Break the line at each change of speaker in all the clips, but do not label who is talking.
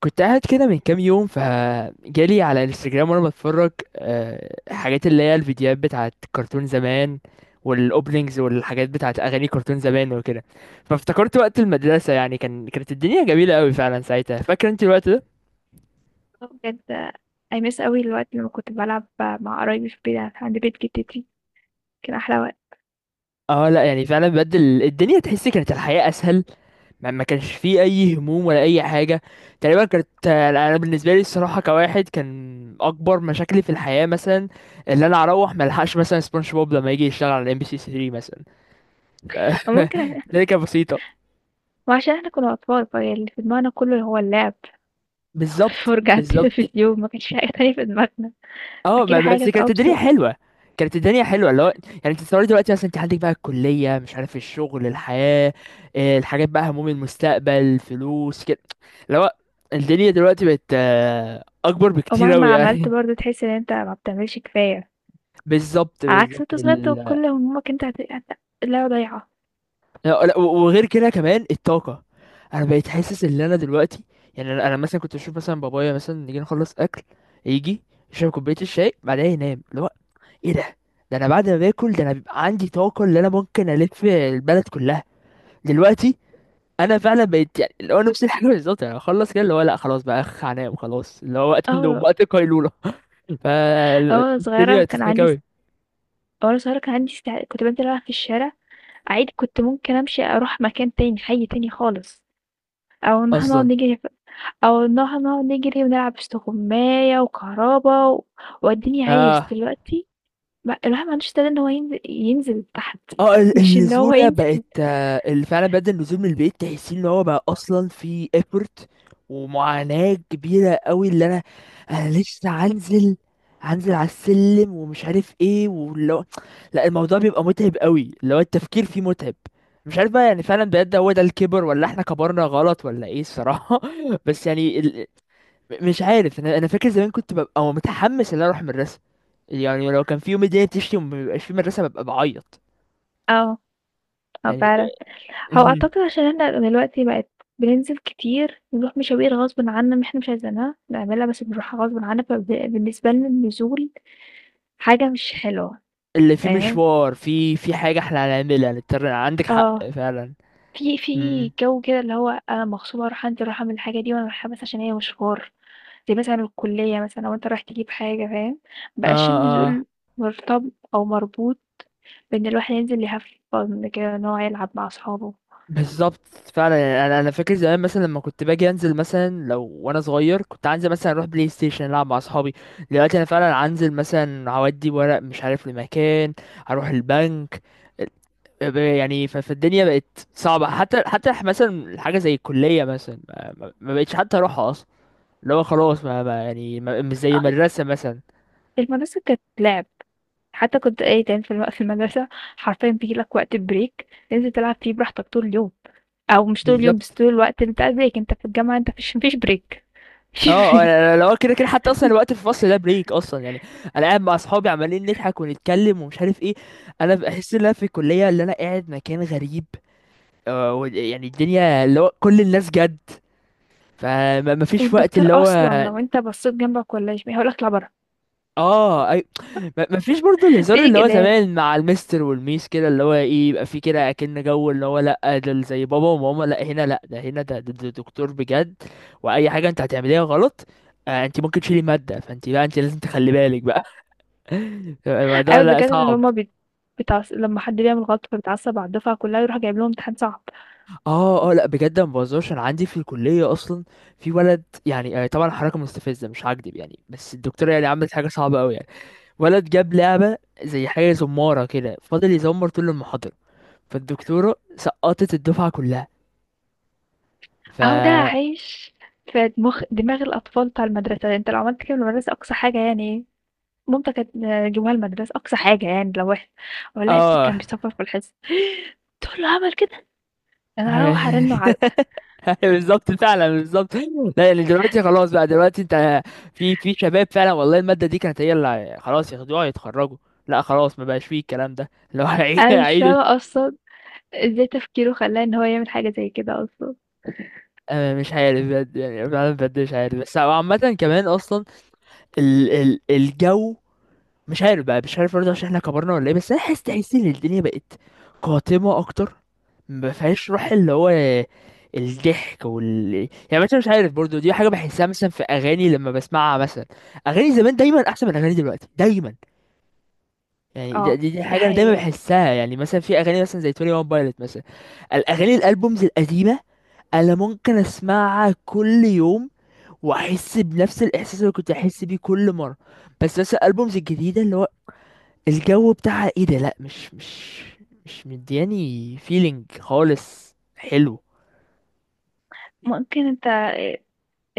كنت قاعد كده من كام يوم فجالي على الانستجرام وانا بتفرج. آه، حاجات اللي هي الفيديوهات بتاعت كرتون زمان والاوبننجز والحاجات بتاعت اغاني كرتون زمان وكده. فافتكرت وقت المدرسة، يعني كانت الدنيا جميلة قوي فعلا ساعتها. فاكر انت الوقت ده؟
آه بجد I miss أوي الوقت لمّا كنت بالعب مع قرايبي في البيت عند بيت جدتي، كان أحلى وقت.
اه لا، يعني فعلا بدل الدنيا، تحسي كانت الحياة اسهل. ما كانش فيه اي هموم ولا اي حاجه. تقريبا كانت، انا بالنسبه لي الصراحه كواحد، كان اكبر مشاكلي في الحياه مثلا اللي انا اروح ما الحقش مثلا سبونج بوب لما يجي يشتغل على ام بي سي 3 مثلا.
أو ممكن.
ده كانت بسيطه.
وعشان إحنا كنا أطفال، فاللي في دماغنا كله هو اللعب.
بالظبط
والفرجة على
بالظبط.
التلفزيون، ما كانش في حاجة تانية في دماغنا.
اه،
أكيد
ما
حاجة
بس
كانت
كانت الدنيا
أبسط،
حلوه. كانت الدنيا حلوه، اللي هو يعني انت تصوري دلوقتي مثلا انت عندك بقى الكليه، مش عارف الشغل، الحياه، آه، الحاجات بقى، هموم المستقبل، فلوس كده، اللي هو الدنيا دلوقتي بقت آه، اكبر بكتير
ومهما
اوي
عملت
يعني.
برضه تحس إن أنت ما بتعملش كفاية.
بالظبط
على عكس
بالظبط.
وأنت صغير، تبقى كل همومك أنت هت هت اللعبة ضايعة.
لا لا، وغير كده كمان الطاقة. انا بقيت حاسس ان انا دلوقتي يعني انا مثلا كنت اشوف مثلا بابايا مثلا نيجي نخلص اكل، يجي يشرب كوباية الشاي بعدها ينام، اللي هو ايه ده؟ ده انا بعد ما باكل، ده انا بيبقى عندي طاقة اللي انا ممكن الف البلد كلها دلوقتي. انا فعلا بقيت يعني اللي هو نفس الحاجة. بالظبط، يعني اخلص كده اللي هو لا خلاص بقى اخ هنام خلاص، اللي هو وقت
آه
النوم
والله.
وقت القيلولة.
آه،
فالدنيا بقت تضحك اوي.
وأنا صغيرة كان عندي كنت بانزل ألعب في الشارع عادي. كنت ممكن أمشي أروح مكان تاني، حي تاني خالص، أو إن إحنا نقعد
اصلا
نجري، أو نجري ونلعب استغماية وكهربا. وأديني عايش
اه
دلوقتي ما الواحد ما عندوش استعداد إن هو ينزل تحت،
اه.
مش إن هو
النزولة
ينزل.
بقت آه، اللي فعلا بدأ النزول من البيت تحسين ان هو بقى اصلا في effort ومعاناة كبيرة قوي. اللي انا، انا لسه هنزل، هنزل على السلم ومش عارف ايه، ولو لا، الموضوع بيبقى متعب قوي، اللي هو التفكير فيه متعب. مش عارف بقى، يعني فعلا بجد هو ده الكبر ولا احنا كبرنا غلط ولا ايه الصراحة؟ بس يعني مش عارف. انا فاكر زمان كنت ببقى متحمس ان انا اروح المدرسة. يعني لو كان في يوم الدنيا بتشتي ومبيبقاش في مدرسة ببقى بعيط،
آه، آه
يعني
فعلًا. هو
مهم.
أعتقد عشان إحنا دلوقتي بننزل كتير، بنروح مشاوير غصبٍ عنّا، إحنا مش عايزينها نعملها، بس بنروحها غصبٍ عنّا. بالنسبة لنا النزول حاجة مش حلوة،
اللي فيه
فاهم؟
مشوار في حاجة احنا هنعملها نضطر، عندك حق
آه.
فعلا.
في
مم.
جو كده، اللي هو أنا مغصوبة أروح أنزل، أروح أعمل الحاجة دي وأنا رايحة، بس عشان هي مشوار. زي مثلًا الكلية، مثلًا لو أنت رايح تجيب حاجة، فاهم؟ ما بقاش
اه اه.
النزول مرتب أو مربوط بإن الواحد ينزل يhave fun كده، إن هو يلعب مع أصحابه.
بالظبط فعلا. يعني انا فاكر زمان مثلا لما كنت باجي انزل مثلا، لو وانا صغير كنت هنزل مثلا اروح بلاي ستيشن العب مع اصحابي. دلوقتي انا فعلا هنزل مثلا هودي ورق مش عارف لمكان، هروح البنك. يعني فالدنيا بقت صعبة، حتى مثلا حاجة زي الكلية مثلا ما بقتش حتى اروحها اصلا. اللي هو خلاص، مش زي
آه.
المدرسة مثلا.
المدرسة كانت لعب. حتى كنت إيه، كان في المدرسة حرفيًا بييجي لك وقت بريك، تنزل تلعب فيه براحتك طول اليوم، أو مش طول اليوم، بس
بالظبط.
طول الوقت بتاع البريك. أنت في الجامعة أنت ما فيش بريك، ما فيش
اه اه،
بريك.
انا لو كده كده حتى اصلا الوقت في الفصل ده بريك اصلا يعني. انا قاعد مع اصحابي عمالين نضحك ونتكلم ومش عارف ايه. انا بحس ان انا في الكليه اللي انا قاعد مكان غريب، آه، يعني الدنيا اللي هو كل الناس جد، فما فيش وقت
والدكتور
اللي هو.
أصلًا لو أنت بصيت جنبك والّا يمين، هيقول لك اطلع برّه.
اه اي، ما ما فيش برضو
ما
الهزار
فيش
اللي هو
جدال.
زمان مع المستر والميس كده، اللي هو ايه يبقى في كده اكن جو، اللي هو لا ده زي بابا وماما. لا هنا لا، ده هنا ده دكتور بجد. واي حاجه انت هتعمليها غلط، آه، انت ممكن تشيلي ماده، فانت بقى انت لازم تخلي بالك بقى. الموضوع
أيوه
لا
الدكاترة اللي
صعب.
هُم بيت بيتعص لمّا حد بيعمل غلط، فبيتعصب على الدفعة كلّها، يروح جايب لهم امتحان صعب.
اه اه، لا بجد ما بهزرش، انا عندي في الكليه اصلا في ولد يعني، آه، طبعا حركه مستفزه مش هكدب يعني، بس الدكتوره يعني عملت حاجه صعبه قوي يعني. ولد جاب لعبه زي حاجه زماره كده، فضل يزمر طول المحاضره، فالدكتورة سقطت الدفعة كلها. ف،
أهو ده هيعيش في مخ دماغ الأطفال بتاع المدرسة. أنت لو عملت كده في المدرسة، أقصى حاجة يعني مامتي كانت جايباها المدرسة. أقصى حاجة يعني لو إحنا، أقول لها ابنِك
اه.
كان بيصفّر في الحصة، تقول له عمل كده! أنا هاروّح أرنّه علقة.
بالظبط فعلا بالظبط. لا يعني دلوقتي خلاص بقى، دلوقتي انت في شباب فعلا والله، المادة دي كانت هي اللي خلاص ياخدوها يتخرجوا، لا خلاص ما بقاش فيه الكلام ده. لو
أنا مش
هيعيدوا،
فاهمة أصلًا إزاي تفكيره خلّاه إن هو يعمل حاجة زي كده أصلًا.
أنا مش عارف بجد، يعني فعلا بجد مش عارف. بس عامة كمان أصلا ال الجو، مش عارف بقى، مش عارف برضه عشان احنا كبرنا ولا ايه، بس انا حاسس، تحس ان الدنيا بقت قاتمه اكتر، ما فيهاش روح، اللي هو الضحك يعني مثلا، مش عارف برضه، دي حاجه بحسها مثلا في اغاني لما بسمعها مثلا. اغاني زمان دايما احسن من اغاني دلوقتي دايما، يعني دي,
آه،
دي, دي
دي
حاجه انا دايما
حقيقة.
بحسها. يعني مثلا في اغاني مثلا زي 21 بايلوت مثلا، الاغاني الالبومز القديمه انا ممكن اسمعها كل يوم واحس بنفس الاحساس اللي كنت احس بيه كل مره. بس مثلا الالبومز الجديده، اللي هو الجو بتاعها ايه ده؟ لا مش مش مدياني فيلينج خالص حلو.
ممكن أنت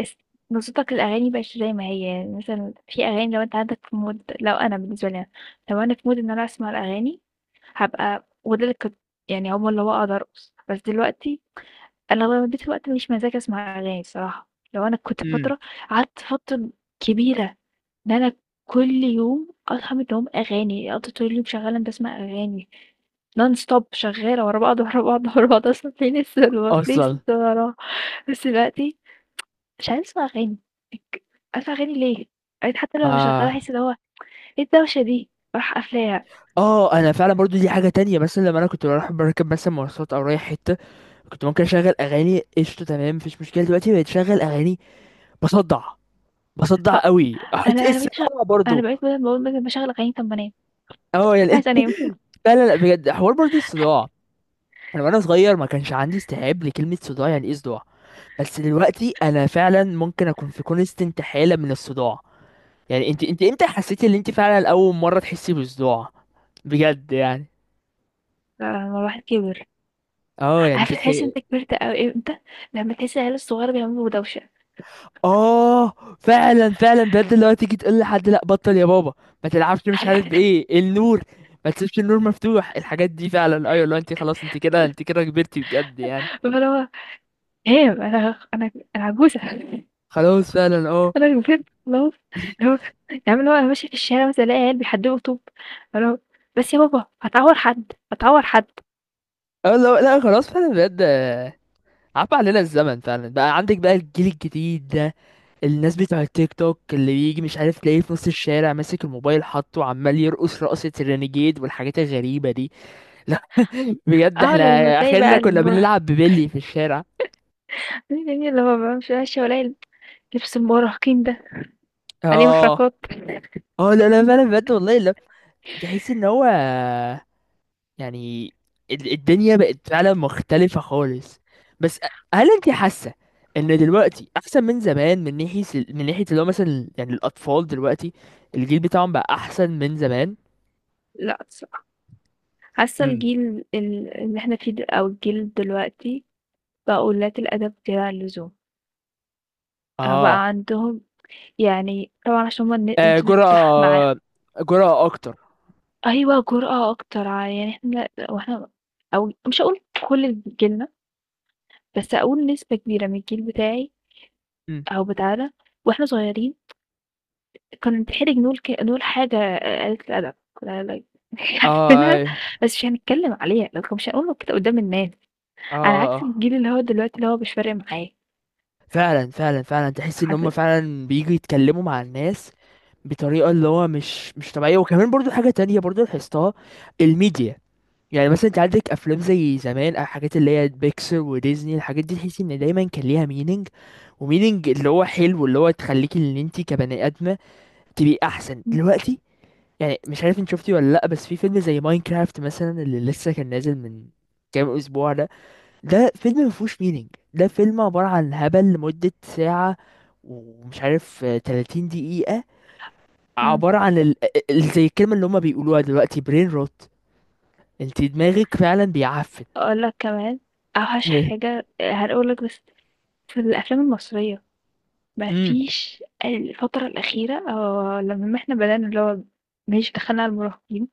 اس بالضبط الأغاني بقِت زي ما هي. يعني مثلًا في أغاني، لو أنت عندك في mood، لو أنا بالنسبة لي أنا، لو أنا في mood إن أنا أسمع الأغاني، هابقى وده اللي كنت، يعني عقبال اللي هو أقدر أرقص. بس دلوقتي أنا أغلبية الوقت مش مزاجي أسمع أغاني الصراحة. لو أنا كنت
امم
قعدت فترة كبيرة إن أنا كل يوم أصحى من النوم أغاني، أقضي طول اليوم شغّالة باسمع أغاني non stop، شغّالة ورا بعض، ورا بعض، ورا بعض، أصلا playlist ورا playlist
اصلا
وراه. بس دلوقتي مش عايزة أسمع أغاني، اك أسمع أغاني ليه؟ بقيت حتى لو مشغّلاها
ما.
أحس اللي هو إيه الدوشة دي؟ أروح قافلاها.
اه انا فعلا برضو دي حاجه تانية، مثلا لما انا كنت بروح بركب مثلا مواصلات او رايح حته، كنت ممكن اشغل اغاني قشطه تمام مفيش مشكله. دلوقتي بقيت اشغل اغاني بصدع، بصدع
أ
قوي، احط
أنا أنا
اس،
بقيت مش، أنا
برضو
بقيت بدل ما أقول مثلًا باشغّل أغاني، طَب ما أنام.
اه يعني.
عايزة أنام.
لا لا لا بجد، حوار برضو الصداع. انا وانا صغير ما كانش عندي استيعاب لكلمه صداع، يعني ايه صداع؟ بس دلوقتي انا فعلا ممكن اكون في كونستنت حالة من الصداع. يعني انت امتى حسيتي ان انت فعلا اول مرة تحسي بالصداع بجد يعني؟
فلمّا الواحد كِبِر،
اه يعني
عارفة تحس إن أنت كبرت أوي إمتى؟ لمّا تحس العيال الصغيرة بيعملوا دوشة.
اه. فعلا فعلا بجد، اللي هو تيجي تقول لحد لا بطل يا بابا، ما تلعبش، مش عارف بايه النور، ما تسيبش النور مفتوح، الحاجات دي فعلا. ايوه لو انت خلاص، انت كده انت كده كبرتي بجد يعني.
فاللي هو هام أنا عجوزة.
خلاص فعلا اه
أنا كبرت خلاص. اللي هو يعني اللي هو أنا ماشية في الشارع مثلًا، ألاقي عيال بيحدّفوا طوب، اللي هو بس يا بابا هتعور حد، هتعور حد.
اه. لا لا خلاص فعلا بجد، آه، عفى علينا الزمن فعلا، بقى عندك بقى الجيل الجديد ده، الناس بتوع التيك توك اللي بيجي مش عارف تلاقيه في نص الشارع ماسك الموبايل حاطه وعمال يرقص رقصة الرينيجيد والحاجات الغريبة دي. لا بجد
آه،
احنا
لمّا تلاقي
اخرنا
بقى
كنا
المُرهق،
بنلعب ببلي في الشارع.
يعني اللي هو بقى مش ماشية والاقي لبس المراهقين ده عليه
اه
محركات.
اه لا لا فعلا بجد والله. لا تحس ان هو يعني الدنيا بقت فعلا مختلفة خالص. بس هل انت حاسة ان دلوقتي احسن من زمان من ناحية من ناحية اللي هو مثلا يعني الاطفال دلوقتي، الجيل بتاعهم بقى احسن من زمان؟
لأ الصراحة حاسة
امم
الجيل اللي احنا فيه د أو الجيل دلوقتي بقوا قُلّات الأدب زيادة عن اللزوم. آه بقى
اه.
عندهم، يعني طبعًا عشان هُم
آه
الإنترنت فتح معاهم.
جرأة، جرأة أكتر.
أيوه جرأة أكتر، يعني إحنا وإحنا، أو مش هاقول كل جيلنا، بس هاقول نسبة كبيرة من الجيل بتاعي
مم.
أو بتاعنا، وإحنا صغيرين كنت هنحرج نقول نقول حاجة قليلة الأدب. لا لا،
اه
عارفينها،
أيوة.
بس مش هنتكلم عليها، لكن مش هنقولها كده قدام الناس.
اه
على
اه
عكس
آه.
الجيل اللي هو دلوقتي اللي هو مش فارق معاه
فعلا فعلا فعلا تحس إن هم
حرفيًا.
فعلا بييجوا يتكلموا مع الناس بطريقة اللي هو مش طبيعية. وكمان برضو حاجة تانية برضو لاحظتها، الميديا. يعني مثلا انت عندك افلام زي زمان او حاجات اللي هي بيكسر وديزني، الحاجات دي تحس ان دايما كان ليها مينينج، ومينينج اللي هو حلو، اللي هو تخليك ان انت كبني ادمه تبقي احسن
إمم،
دلوقتي. يعني مش عارف انت شفتي ولا لأ، بس في فيلم زي ماينكرافت مثلا اللي لسه كان نازل من كام أسبوع ده، ده فيلم مفهوش مينينج، ده فيلم عبارة عن هبل لمدة ساعة ومش عارف آه، 30 دقيقة،
إمم،
عبارة عن زي الكلمة اللي هما بيقولوها دلوقتي برين روت، انت دماغك فعلا بيعفن.
أقول لك كمان أوحش حاجة هاقول لك، بس في الأفلام المصرية، ما
امم
فيش الفترة الأخيرة، لمّا إحنا بدأنا اللي هو ماشي دخلنا على المراهقين،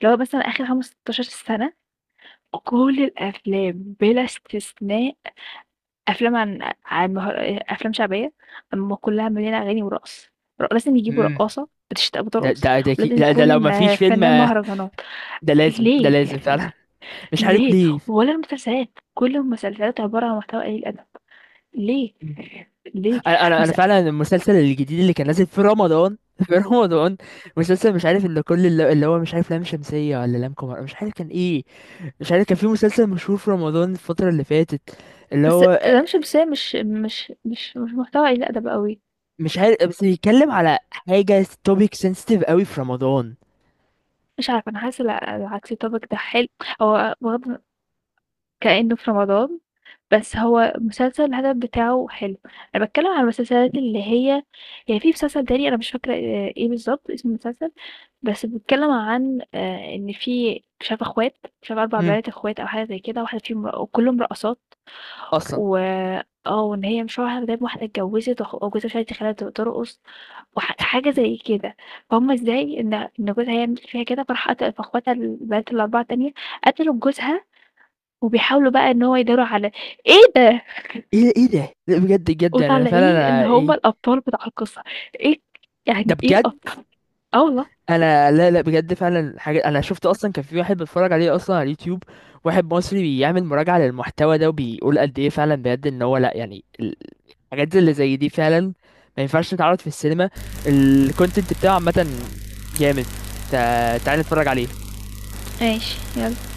اللي هو مثلًا آخر 15 سنة، كل الأفلام بلا استثناء، افلام عن مهر... افلام شعبيه، اما كلها مليانه اغاني ورقص، لازم يجيبوا
امم.
رقاصه
ده
بترقص،
ده ده
ولازم
لا ده لو
يكون
مفيش فيلم
فنان
آه،
مهرجانات.
ده
ليه؟
لازم فعلا. مش عارف
ليه؟
ليه.
ولا المسلسلات، كل المسلسلات عباره عن محتوى قليل ادب. ليه؟ ليه؟
انا انا
بس
فعلا المسلسل الجديد اللي كان نازل في رمضان في رمضان، مسلسل مش عارف، اللي كل اللي هو مش عارف، لام شمسية ولا لام قمر، مش عارف كان ايه. مش عارف كان في مسلسل مشهور في رمضان الفترة اللي فاتت اللي
بس
هو آه،
ده مش بس، هي مش محتوى قليل ادب قوي.
مش عارف بس بيتكلم على حاجة توبيك سنسيتيف قوي في رمضان.
مش عارفه انا حاسه العكس الطبق ده حلو. هو واخد كأنه في رمضان، بس هو مسلسل الهدف بتاعه حلو. انا بتكلم على المسلسلات اللي هي، يعني في مسلسل تاني انا مش فاكره ايه بالظبط اسم المسلسل، بس بيتكلم عن ان في شاف اخوات، شاف اربع
امم
بنات اخوات او حاجه زي كده، واحده فيهم وكلهم رقصات،
اصلا.
و اه وان هي مش واحده، دايما واحده اتجوزت وجوزها مش عارف يخليها ترقص، وحاجه زي كده. فهم ازاي ان جوزها يعمل فيها كده، فراح قتل فاخواتها البنات الاربعه التانيه، قتلوا جوزها، وبيحاولوا بقى ان هو يداروا على. ايه ده.
ايه ايه ده لا بجد بجد، يعني انا فعلا
وطالعين إن
أنا
هُم
ايه
الأبطال بتاع القصة. إيه؟
ده
يعني إيه
بجد.
الأبطال؟ آه والله.
انا لا لا بجد فعلا، حاجه انا شفت اصلا كان في واحد بتفرج عليه اصلا على اليوتيوب، واحد مصري بيعمل مراجعه للمحتوى ده وبيقول قد ايه فعلا بجد ان هو لا، يعني الحاجات اللي زي دي فعلا ما ينفعش تتعرض في السينما. الكونتنت بتاعه عامه جامد، فتعالى نتفرج عليه.
ماشي، يلا.